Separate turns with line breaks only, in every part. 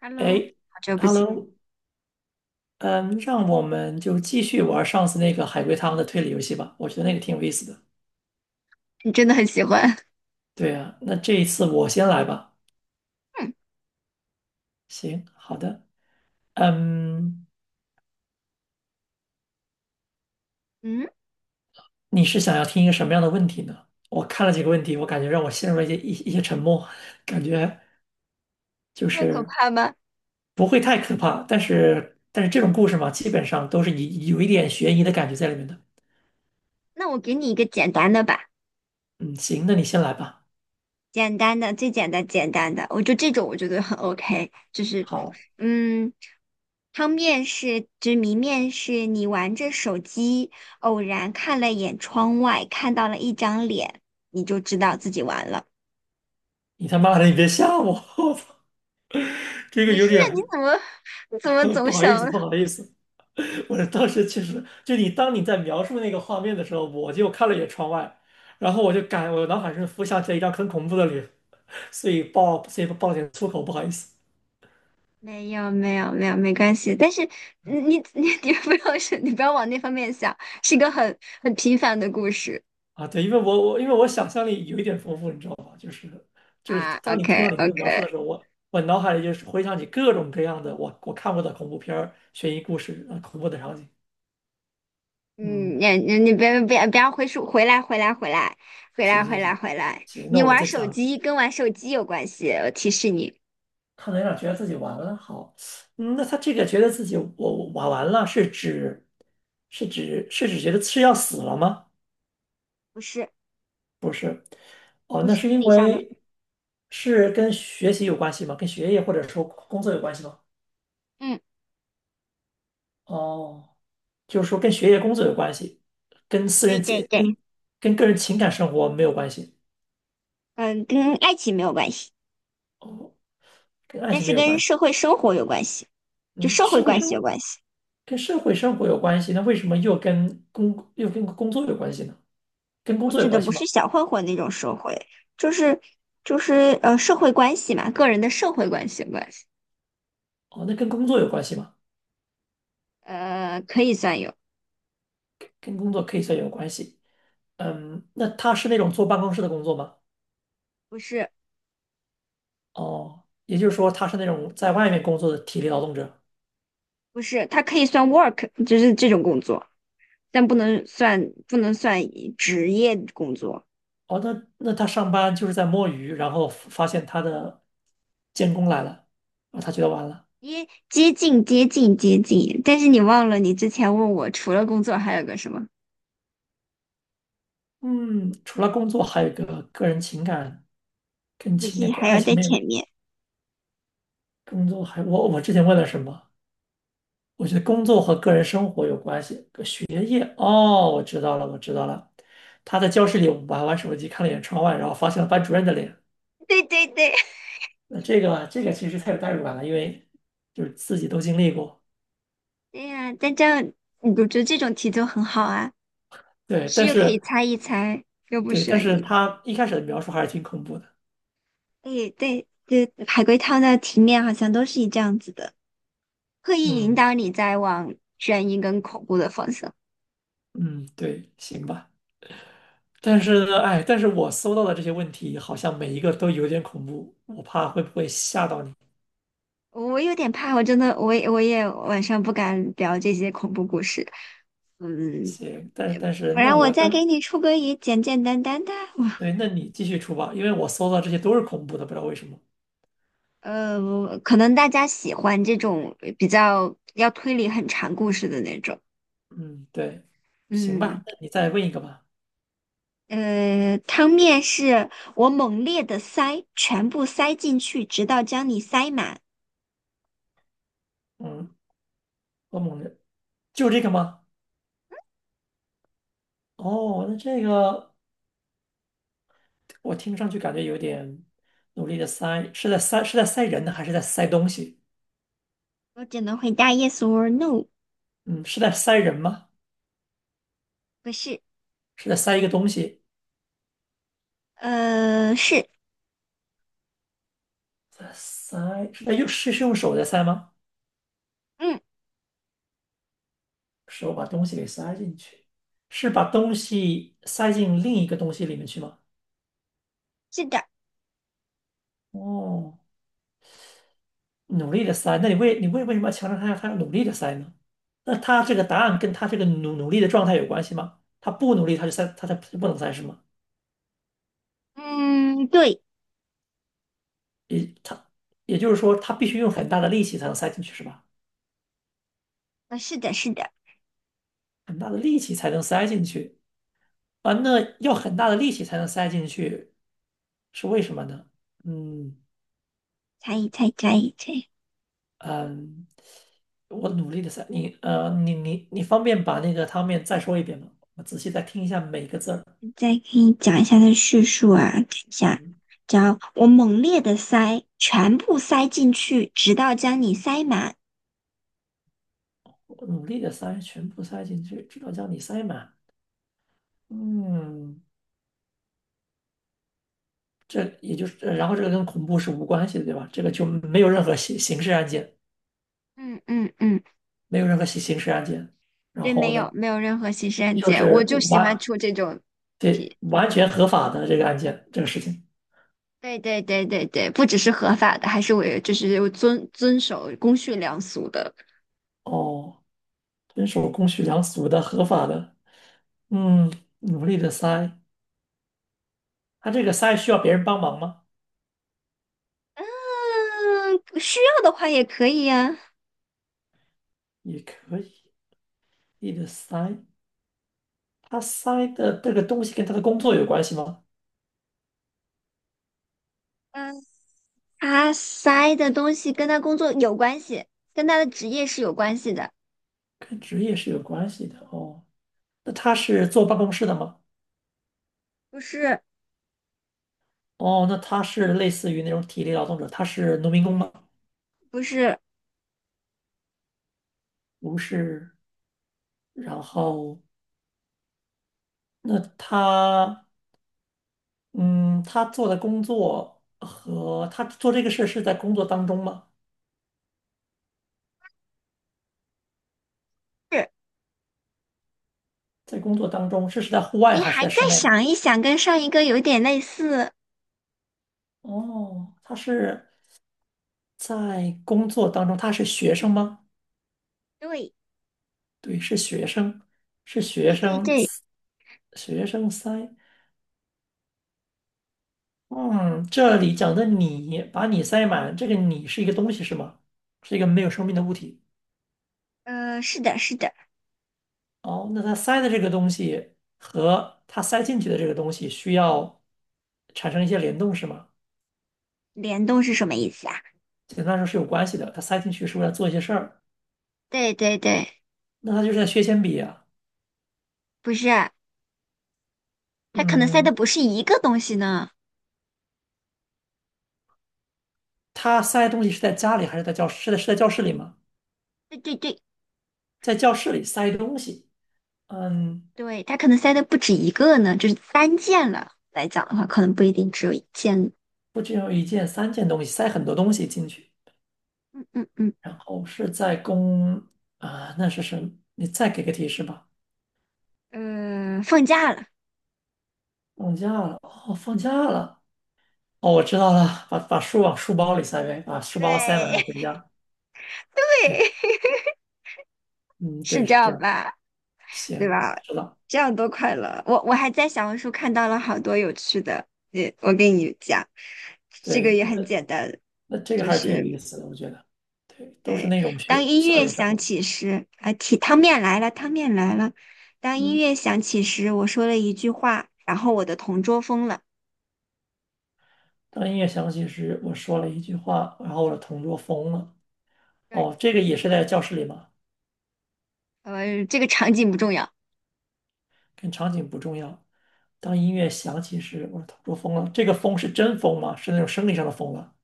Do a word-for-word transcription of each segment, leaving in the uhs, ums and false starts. Hello，
哎
好久不见，
，Hello，嗯，让我们就继续玩上次那个海龟汤的推理游戏吧，我觉得那个挺有意思的。
你真的很喜欢。
对啊，那这一次我先来吧。
嗯
行，好的。嗯，
嗯，
你是想要听一个什么样的问题呢？我看了几个问题，我感觉让我陷入了一些一一些沉默，感觉就
那么可
是
怕吗？
不会太可怕，但是但是这种故事嘛，基本上都是有有一点悬疑的感觉在里面的。
那我给你一个简单的吧，
嗯，行，那你先来吧。
简单的，最简单，简单的，我就这种我觉得很 OK。就是，
好，
嗯，汤面是就是谜面是你玩着手机，偶然看了眼窗外，看到了一张脸，你就知道自己完了。
你他妈的，你别吓我，这个
不
有
是，你
点。
怎么你怎么 总
不好意
想
思，不好意思，我当时其实就你当你在描述那个画面的时候，我就看了一眼窗外，然后我就感我脑海中浮想起了一张很恐怖的脸，所以爆所以爆了点粗口，不好意思
没有没有没有，没关系。但是嗯你你 你不要是，你不要往那方面想，是一个很很平凡的故事
啊。对，因为我我因为我想象力有一点丰富，你知道吧？就是就是
啊。
当你听
OK
到你那个描述
OK，
的时候，我我脑海里就是回想起各种各样的我我看过的恐怖片儿、悬疑故事啊、恐怖的场景。嗯，
嗯，你你你别别不要回溯，回来回来回来回来
行
回
行
来
行
回来，
行，那
你
我们
玩
再
手
讲。
机跟玩手机有关系，我提示你，
看到有点觉得自己完了，好，嗯那他这个觉得自己我我完完了，是指是指是指觉得是要死了吗？
不是
不是，哦，
不
那
是
是
物
因
理上的，
为是跟学习有关系吗？跟学业或者说工作有关系吗？
嗯，
哦，就是说跟学业工作有关系，跟私
对
人
对
情
对，
跟跟个人情感生活没有关系，
嗯，跟爱情没有关系，
哦，跟爱
但
情
是
没有
跟
关系，
社会生活有关系，就
嗯，
社会
社会
关系有
生
关系。
跟社会生活有关系，那为什么又跟工又跟工作有关系呢？跟工
我
作
指
有
的
关系
不
吗？
是小混混那种社会，就是就是呃社会关系嘛，个人的社会关系关系，
哦，那跟工作有关系吗？
呃可以算有，
跟工作可以算有关系。嗯，那他是那种坐办公室的工作吗？
不是
哦，也就是说他是那种在外面工作的体力劳动者。
不是，它可以算 work，就是这种工作，但不能算不能算职业工作，
哦，那那他上班就是在摸鱼，然后发现他的监工来了，啊，他觉得完了。
接接近接近接近，但是你忘了你之前问我除了工作还有个什么，
嗯，除了工作，还有一个个人情感，跟
不
情
是
感跟
还
爱
要
情
在
没有。
前面？
工作还我我之前问了什么？我觉得工作和个人生活有关系，跟学业。哦，我知道了，我知道了。他在教室里玩玩手机，看了一眼窗外，然后发现了班主任的脸。
对对对，
那这个这个其实太有代入感了，因为就是自己都经历过。
对呀、但这样我觉得这种题就很好啊，
对，
是
但
又可以
是
猜一猜，又不
对，但
选
是
疑。
他一开始的描述还是挺恐怖的。
对对，就海龟汤的题面好像都是以这样子的，刻意引
嗯
导你在往悬疑跟恐怖的方向。
嗯，对，行吧。但是呢，哎，但是我搜到的这些问题好像每一个都有点恐怖，我怕会不会吓到你。
我有点怕，我真的，我也我也晚上不敢聊这些恐怖故事。嗯，
行，但但是
不
那
然我
我
再给
当
你出个也简简单单的。哇
对，那你继续出吧，因为我搜到这些都是恐怖的，不知道为什么。
呃，可能大家喜欢这种比较要推理很长故事的那种。
嗯，对，行
嗯，
吧，那你再问一个吧。
呃，汤面是我猛烈的塞，全部塞进去，直到将你塞满。
嗯。欧盟的，就这个吗？哦，那这个我听上去感觉有点努力的塞，是在塞是在塞人呢，还是在塞东西？
我只能回答 yes or no，
嗯，是在塞人吗？
不是，
是在塞一个东西？
呃，是，
在塞是在用是是用手在塞吗？
嗯，
手把东西给塞进去，是把东西塞进另一个东西里面去吗？
是的，
哦，努力的塞，那你为你为为什么要强调他要他要努力的塞呢？那他这个答案跟他这个努努力的状态有关系吗？他不努力，他就塞，他才不能塞是吗？
嗯，对，
也它也就是说，它必须用很大的力气才能塞进去，是吧？
呃，是的，是的，
很大的力气才能塞进去啊，那要很大的力气才能塞进去，是为什么呢？嗯
猜一猜，猜一猜，
嗯，我努力的塞，你呃，你你你方便把那个汤面再说一遍吗？我仔细再听一下每个字儿。
再给你讲一下它的叙述啊，等一下，
嗯，
只要我猛烈的塞，全部塞进去，直到将你塞满。
我努力的塞，全部塞进去，直到将你塞满。嗯，这也就是，呃然后这个跟恐怖是无关系的，对吧？这个就没有任何刑刑事案件，
嗯嗯嗯，
没有任何刑刑事案件。然
对，
后
没有
呢？
没有任何刑事案
就
件，我
是
就喜欢
完，
出这种
对，
题。
完全合法的这个案件，这个事情。
对对对对对，不只是合法的，还是我就是遵遵守公序良俗的。
哦，遵守公序良俗的合法的，嗯，努力的塞。他这个塞需要别人帮忙吗？
嗯，需要的话也可以呀、
也可以，努力的塞。他塞的这个东西跟他的工作有关系吗？
嗯，他塞的东西跟他工作有关系，跟他的职业是有关系的。
跟职业是有关系的哦。那他是坐办公室的吗？
不是，
哦，那他是类似于那种体力劳动者，他是农民工吗？
不是，
不是。然后，那他嗯，他做的工作和他做这个事是在工作当中吗？
是
在工作当中，是是在户外
你
还是
还
在
再
室内？
想一想，跟上一个有点类似。
哦，他是在工作当中，他是学生吗？
对，
对，是学生，是
对
学
对
生，
对，
学生塞。嗯，这里讲的你，把你塞满，这个你是一个东西是吗？是一个没有生命的物体。
呃，是的，是的，
哦，那他塞的这个东西和他塞进去的这个东西需要产生一些联动是吗？
联动是什么意思啊？
简单来说是有关系的。他塞进去是为了做一些事儿，
对对对，
那他就是在削铅笔啊。
不是，他可能塞
嗯，
的不是一个东西呢。
他塞东西是在家里还是在教室？是在是在教室里吗？
对对对，
在教室里塞东西，嗯，
对，他可能塞的不止一个呢，就是单件了。来讲的话，可能不一定只有一件。
不只有一件、三件东西，塞很多东西进去。
嗯嗯嗯。
然后是在公啊、那是什么？你再给个提示吧。
嗯，放假了，
放假了，哦，放假了，哦，我知道了，把把书往书包里塞呗，把书包塞满，然后
对
回 家。对，
对，
嗯，
是
对，
这
是这
样
样。
吧？对
行，我
吧？
知道。
这样多快乐！我我还在小红书看到了好多有趣的，也我跟你讲，这个
对，
也很简单，
那这个
就
还是挺有意
是
思的，我觉得。对，都是
对，
那种
当
学
音
校
乐
园生
响
活。
起时，啊，提汤面来了，汤面来了。当音
嗯，
乐响起时，我说了一句话，然后我的同桌疯了。
当音乐响起时，我说了一句话，然后我的同桌疯了。
对，
哦，这个也是在教室里吗？
呃，这个场景不重要，
跟场景不重要。当音乐响起时，我的同桌疯了。这个疯是真疯吗？是那种生理上的疯了，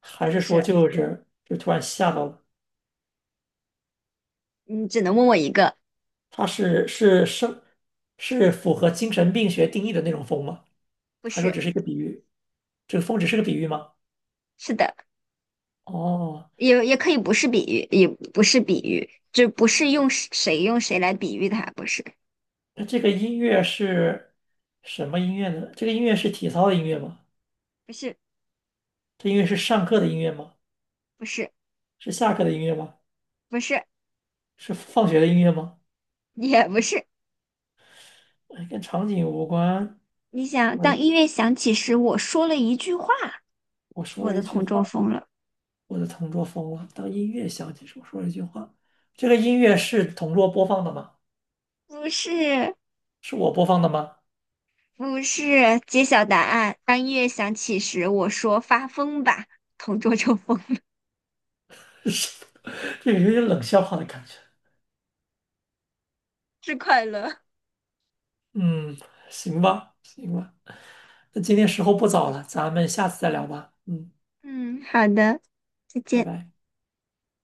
还
不
是说
是，
就是就突然吓到了？
你只能问我一个，
他是是生是符合精神病学定义的那种疯吗？
不
还说
是，
只是一个比喻？这个疯只是个比喻吗？
是的。
哦，
也也可以不是比喻，也不是比喻，就不是用谁用谁来比喻它，不是，
那这个音乐是什么音乐呢？这个音乐是体操的音乐吗？
不是，
这音乐是上课的音乐吗？
不是，
是下课的音乐吗？
不是，
是放学的音乐吗？
也不是。
哎，跟场景无关。
你想，
我
当
的
音乐响起时，我说了一句话，
我
我
说了
的
一句
同
话，
桌疯了。
我的同桌疯了。当音乐响起时，我说了一句话。这个音乐是同桌播放的吗？
不是，
是我播放的吗？
不是。揭晓答案。当音乐响起时，我说发疯吧，同桌就疯了，
是，这个有点冷笑话的感觉。
是快乐。
嗯，行吧，行吧。那今天时候不早了，咱们下次再聊吧。嗯，
嗯，好的，再
拜
见。
拜。